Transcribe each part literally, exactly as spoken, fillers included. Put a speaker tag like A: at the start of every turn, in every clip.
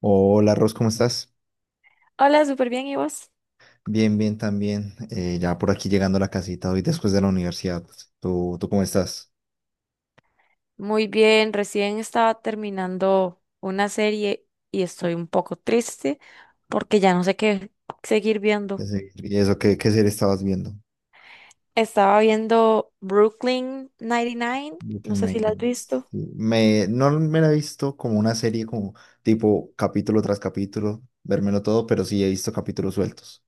A: Hola, Ros, ¿cómo estás?
B: Hola, súper bien, ¿y vos?
A: Bien, bien, también. Eh, ya por aquí llegando a la casita hoy después de la universidad. ¿Tú, tú cómo estás?
B: Muy bien, recién estaba terminando una serie y estoy un poco triste porque ya no sé qué seguir viendo.
A: Ese- ¿Y eso qué, qué serie estabas viendo?
B: Estaba viendo Brooklyn noventa y nueve, no
A: Brooklyn
B: sé si la has
A: Nine-Nine.
B: visto.
A: Sí, Me, no me la he visto como una serie, como tipo capítulo tras capítulo, vérmelo todo, pero sí he visto capítulos sueltos.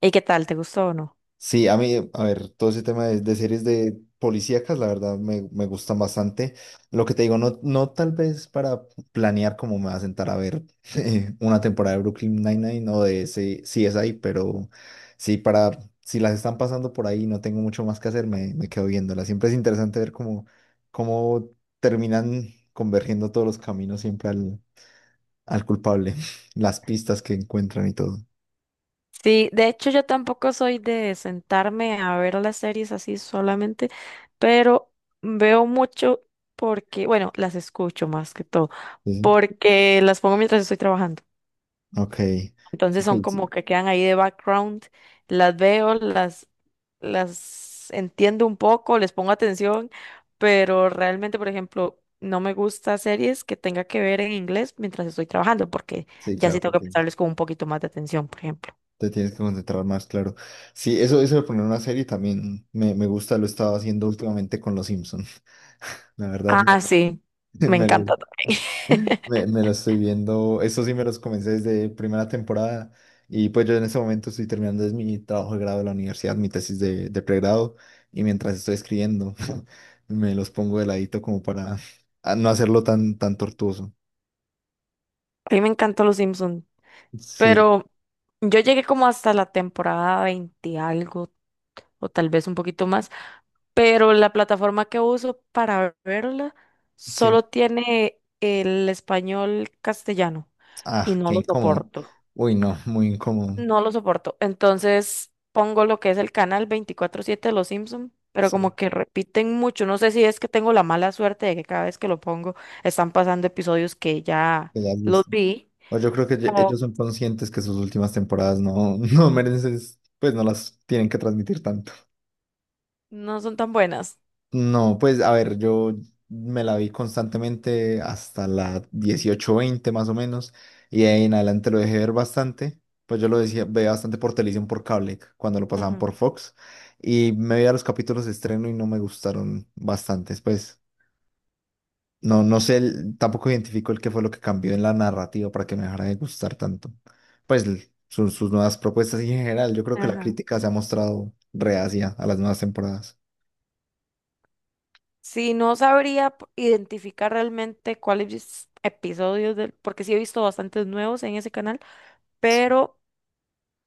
B: ¿Y qué tal? ¿Te gustó o no?
A: Sí, a mí, a ver, todo ese tema de, de series de policíacas, la verdad me, me gustan bastante. Lo que te digo, no, no tal vez para planear cómo me va a sentar a ver eh, una temporada de Brooklyn Nine-Nine o de ese C S I, pero sí, para, si las están pasando por ahí y no tengo mucho más que hacer, me, me quedo viéndolas. Siempre es interesante ver cómo, cómo terminan convergiendo todos los caminos siempre al, al culpable, las pistas que encuentran y todo.
B: Sí, de hecho yo tampoco soy de sentarme a ver las series así solamente, pero veo mucho porque, bueno, las escucho más que todo,
A: Sí,
B: porque las pongo mientras estoy trabajando.
A: ok.
B: Entonces
A: Ok,
B: son como
A: sí,
B: que quedan ahí de background, las veo, las, las entiendo un poco, les pongo atención, pero realmente, por ejemplo, no me gusta series que tenga que ver en inglés mientras estoy trabajando, porque
A: sí,
B: ya sí
A: claro,
B: tengo que
A: porque
B: prestarles con un poquito más de atención, por ejemplo.
A: te tienes que concentrar más, claro. Sí, eso, eso de poner una serie también me, me gusta, lo he estado haciendo últimamente con Los Simpson. La verdad,
B: Ah,
A: me,
B: sí, me
A: me lo,
B: encanta también.
A: me, me lo estoy viendo. Eso sí me los comencé desde primera temporada. Y pues yo en ese momento estoy terminando es mi trabajo de grado de la universidad, mi tesis de, de pregrado. Y mientras estoy escribiendo, me los pongo de ladito como para ah, no hacerlo tan, tan tortuoso.
B: A mí me encantó Los Simpson,
A: Sí,
B: pero yo llegué como hasta la temporada veinte algo, o tal vez un poquito más, pero la plataforma que uso para verla
A: sí.
B: solo tiene el español castellano y
A: Ah,
B: no
A: qué
B: lo
A: incómodo.
B: soporto.
A: Uy, no, muy incómodo.
B: No lo soporto. Entonces pongo lo que es el canal veinticuatro siete de Los Simpson, pero
A: Sí,
B: como que repiten mucho. No sé si es que tengo la mala suerte de que cada vez que lo pongo están pasando episodios que ya
A: que ya has
B: los
A: visto.
B: vi
A: O yo creo que ye-
B: o
A: ellos son conscientes que sus últimas temporadas no, no merecen, pues no las tienen que transmitir tanto.
B: no son tan buenas.
A: No, pues a ver, yo me la vi constantemente hasta la dieciocho veinte más o menos, y de ahí en adelante lo dejé ver bastante. Pues yo lo decía, veía bastante por televisión, por cable, cuando lo pasaban
B: Ujú.
A: por Fox, y me veía los capítulos de estreno y no me gustaron bastantes, pues no, no sé, el- tampoco identifico el qué fue lo que cambió en la narrativa para que me dejara de gustar tanto. Pues l- sus, sus nuevas propuestas y en general, yo creo que la
B: Ajá.
A: crítica se ha mostrado reacia a las nuevas temporadas.
B: Sí, no sabría p- identificar realmente cuáles episodios del, porque sí he visto bastantes nuevos en ese canal,
A: Sí.
B: pero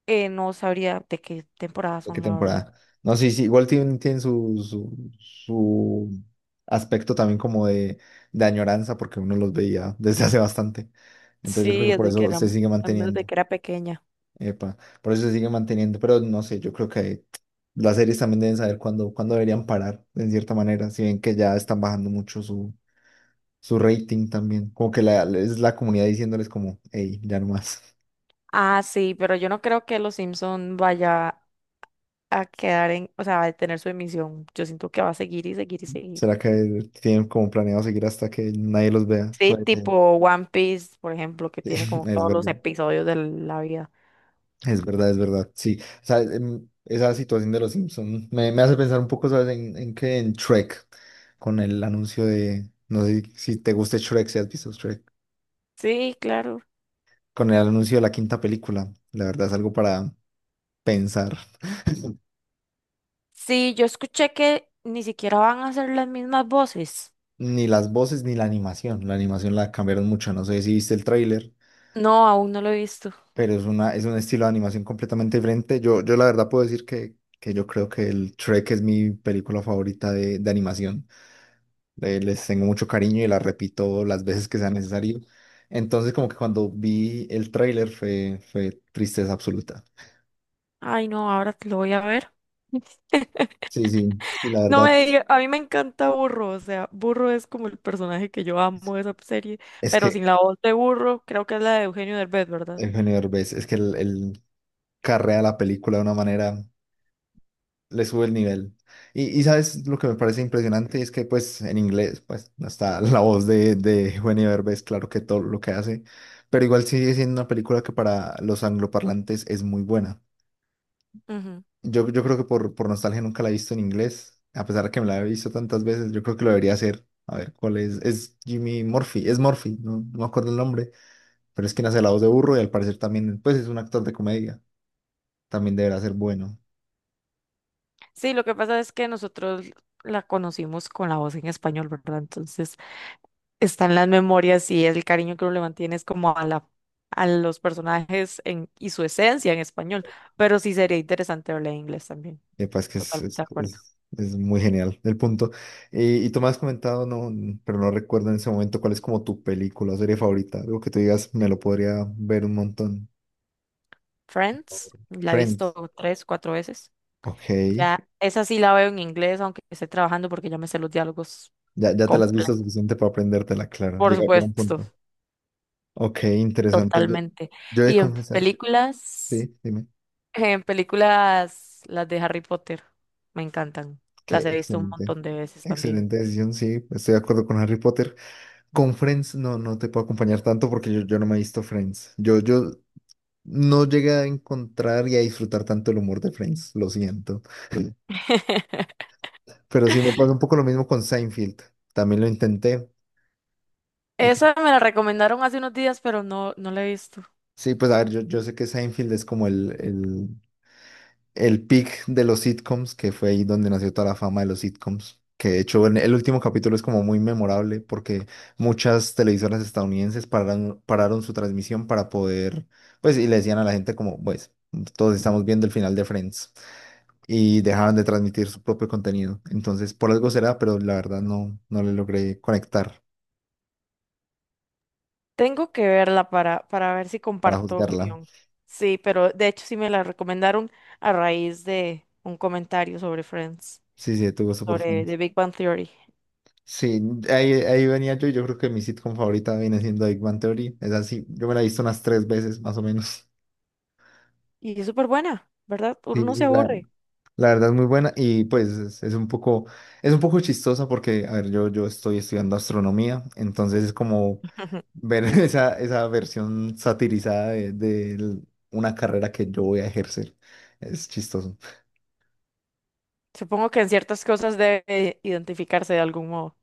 B: eh, no sabría de qué temporada
A: ¿De qué
B: son, la verdad.
A: temporada? No, sí, sí, igual tienen tiene su, su, su aspecto también como de, de añoranza porque uno los veía desde hace bastante. Entonces yo
B: Sí,
A: creo que por
B: desde que
A: eso
B: era,
A: se sigue
B: al menos de
A: manteniendo.
B: que era pequeña.
A: Epa, por eso se sigue manteniendo, pero no sé, yo creo que las series también deben saber cuándo, cuándo deberían parar, en cierta manera, si ven que ya están bajando mucho su, su rating también, como que la, es la comunidad diciéndoles como, hey, ya no más,
B: Ah, sí, pero yo no creo que Los Simpson vaya a quedar en, o sea, va a tener su emisión. Yo siento que va a seguir y seguir y seguir.
A: ¿será que tienen como planeado seguir hasta que nadie los vea?
B: Sí,
A: Puede ser,
B: tipo One Piece, por ejemplo, que
A: sí,
B: tiene como
A: es
B: todos los
A: verdad,
B: episodios de la vida.
A: es verdad, es verdad, sí, o sea, em, esa situación de los Simpsons me, me hace pensar un poco, ¿sabes? En, en qué, en Shrek, con el anuncio de, no sé si te gusta Shrek, si has visto Shrek.
B: Sí, claro.
A: Con el anuncio de la quinta película. La verdad es algo para pensar.
B: Sí, yo escuché que ni siquiera van a hacer las mismas voces.
A: Ni las voces ni la animación. La animación la cambiaron mucho. No sé si viste el tráiler,
B: No, aún no lo he visto.
A: pero es una, es un estilo de animación completamente diferente. Yo, yo la verdad puedo decir que, que yo creo que el Shrek es mi película favorita de, de animación. Le- les tengo mucho cariño y la repito las veces que sea necesario. Entonces, como que cuando vi el tráiler fue, fue tristeza absoluta.
B: Ay, no, ahora te lo voy a ver.
A: Sí, sí, sí, la
B: No
A: verdad.
B: me diga, a mí me encanta Burro, o sea, Burro es como el personaje que yo amo de esa serie,
A: Es
B: pero
A: que
B: sin la voz de Burro, creo que es la de Eugenio Derbez, ¿verdad?
A: Eugenio Derbez, es que el, el- carrea la película de una manera, le sube el nivel. Y, y sabes lo que me parece impresionante es que pues en inglés pues no está la voz de, de Eugenio Derbez, claro que todo lo que hace, pero igual sigue siendo una película que para los angloparlantes es muy buena.
B: Ujú.
A: Yo, yo creo que por, por nostalgia nunca la he visto en inglés, a pesar de que me la he visto tantas veces, yo creo que lo debería hacer. A ver, ¿cuál es? Es Jimmy Murphy, es Murphy, no, no me acuerdo el nombre, pero es quien hace la voz de Burro y al parecer también pues es un actor de comedia, también deberá ser bueno.
B: Sí, lo que pasa es que nosotros la conocimos con la voz en español, ¿verdad? Entonces, están las memorias y el cariño que uno le mantiene es como a la, a los personajes en, y su esencia en español. Pero sí sería interesante verla en inglés también.
A: Epa, es que es,
B: Totalmente de
A: es,
B: acuerdo.
A: es- es muy genial el punto. Y, y tú me has comentado, no, pero no recuerdo en ese momento cuál es como tu película o serie favorita. Algo que tú digas, me lo podría ver un montón.
B: Friends, la he
A: Friends.
B: visto tres, cuatro veces.
A: Ok.
B: Ya, esa sí la veo en inglés, aunque esté trabajando porque ya me sé los diálogos
A: Ya, ya te la has visto
B: completos.
A: suficiente para aprendértela, claro.
B: Por
A: Llega, llega un
B: supuesto,
A: punto. Ok, interesante. Yo,
B: totalmente.
A: yo he de
B: Y en
A: confesar,
B: películas,
A: sí, dime,
B: en películas, las de Harry Potter, me encantan.
A: que
B: Las he visto un
A: excelente.
B: montón de veces también.
A: Excelente decisión, sí, estoy de acuerdo con Harry Potter. Con Friends no, no te puedo acompañar tanto porque yo, yo no me he visto Friends. Yo, yo no llegué a encontrar y a disfrutar tanto el humor de Friends, lo siento. Pero sí me pasa un poco lo mismo con Seinfeld. También lo intenté. Y
B: Esa me la recomendaron hace unos días, pero no, no la he visto.
A: sí, pues a ver, yo, yo sé que Seinfeld es como el, el, el peak de los sitcoms, que fue ahí donde nació toda la fama de los sitcoms. Que de hecho en el último capítulo es como muy memorable porque muchas televisoras estadounidenses pararon, pararon su transmisión para poder, pues, y le decían a la gente como, pues, todos estamos viendo el final de Friends y dejaban de transmitir su propio contenido. Entonces, por algo será, pero la verdad no, no le logré conectar
B: Tengo que verla para, para ver si
A: para
B: comparto
A: juzgarla.
B: opinión. Sí, pero de hecho sí me la recomendaron a raíz de un comentario sobre Friends,
A: Sí, sí, tuvo
B: y
A: super
B: sobre The
A: fans.
B: Big Bang Theory.
A: Sí, ahí, ahí venía yo y yo creo que mi sitcom favorita viene siendo Big Bang Theory. Es así, yo me la he visto unas tres veces más o menos.
B: Y es súper buena, ¿verdad? Uno
A: Sí,
B: no
A: sí,
B: se
A: la,
B: aburre.
A: la verdad es muy buena y pues es, es un poco, es un poco chistosa porque, a ver, yo, yo estoy estudiando astronomía, entonces es como ver esa, esa versión satirizada de, de l- una carrera que yo voy a ejercer. Es chistoso.
B: Supongo que en ciertas cosas debe identificarse de algún modo,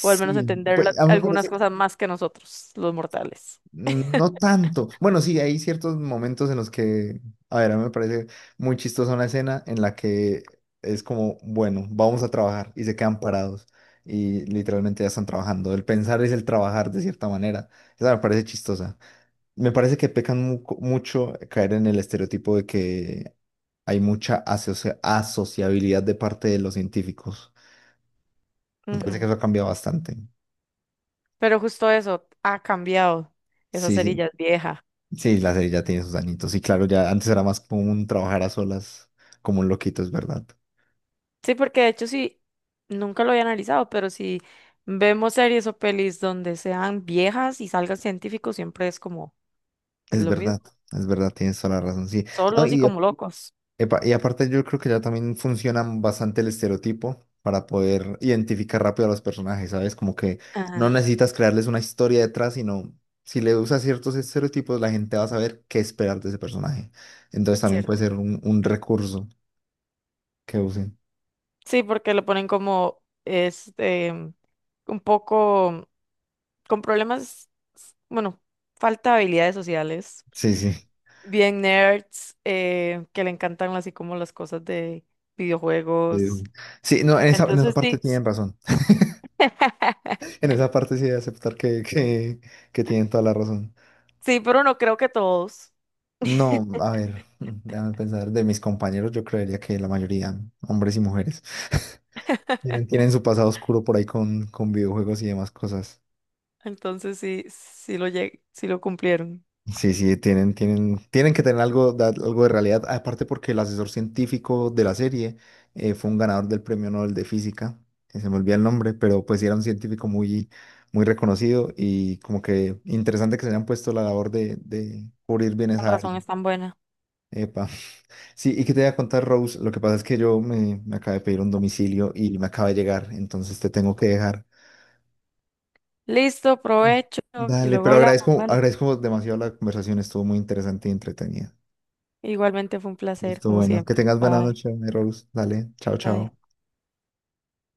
B: o al menos entender
A: pues
B: la-
A: a mí me
B: algunas
A: parece
B: cosas más que nosotros, los mortales.
A: no tanto. Bueno, sí, hay ciertos momentos en los que, a ver, a mí me parece muy chistosa una escena en la que es como, bueno, vamos a trabajar y se quedan parados y literalmente ya están trabajando. El pensar es el trabajar de cierta manera. Esa me parece chistosa. Me parece que pecan mu- mucho caer en el estereotipo de que hay mucha asocia- asociabilidad de parte de los científicos. Me parece
B: Ujú.
A: que eso ha cambiado bastante.
B: Pero justo eso ha cambiado. Esa
A: Sí,
B: cerilla
A: sí.
B: es vieja.
A: Sí, la serie ya tiene sus añitos. Y claro, ya antes era más como un trabajar a solas, como un loquito, es verdad.
B: Sí, porque de hecho sí, nunca lo había analizado, pero si vemos series o pelis donde sean viejas y salgan científicos, siempre es como
A: Es
B: lo mismo,
A: verdad, es verdad, tienes toda la razón, sí. No,
B: solos y
A: y, a-
B: como locos.
A: epa, y aparte yo creo que ya también funciona bastante el estereotipo para poder identificar rápido a los personajes, ¿sabes? Como que no
B: Ajá,
A: necesitas crearles una historia detrás, sino si le usas ciertos estereotipos, la gente va a saber qué esperar de ese personaje. Entonces también puede
B: cierto.
A: ser un, un recurso que usen.
B: Sí, porque lo ponen como este un poco con problemas, bueno, falta de habilidades sociales,
A: Sí, sí,
B: bien nerds, eh, que le encantan así como las cosas de
A: te
B: videojuegos.
A: digo. Sí, no, en esa, en esa
B: Entonces
A: parte
B: sí, sí,
A: tienen razón. En esa parte sí de aceptar que, que, que tienen toda la razón.
B: sí, pero no creo que todos.
A: No, a ver, mm, déjame pensar, de mis compañeros yo creería que la mayoría, hombres y mujeres, tienen, tienen su pasado oscuro por ahí con, con videojuegos y demás cosas.
B: Entonces sí, sí lo llegué, sí lo cumplieron.
A: Sí, sí, tienen, tienen, tienen que tener algo, de- algo de realidad, aparte porque el asesor científico de la serie eh, fue un ganador del premio Nobel de Física, que se me olvida el nombre, pero pues sí era un científico muy, muy reconocido y como que interesante que se hayan puesto la labor de, de cubrir bienes
B: Con
A: a
B: razón
A: Ari.
B: es tan buena.
A: Sí, y que te voy a contar, Rose, lo que pasa es que yo me, me acabé de pedir un domicilio y me acaba de llegar, entonces te tengo que dejar.
B: Listo,
A: Mm.
B: provecho y
A: Dale,
B: luego
A: pero
B: hablamos,
A: agradezco,
B: vale.
A: agradezco demasiado la conversación, estuvo muy interesante y entretenida.
B: Igualmente fue un placer,
A: Listo,
B: como
A: bueno, que
B: siempre.
A: tengas buena
B: Bye,
A: noche, Rose. Dale, chao,
B: bye.
A: chao.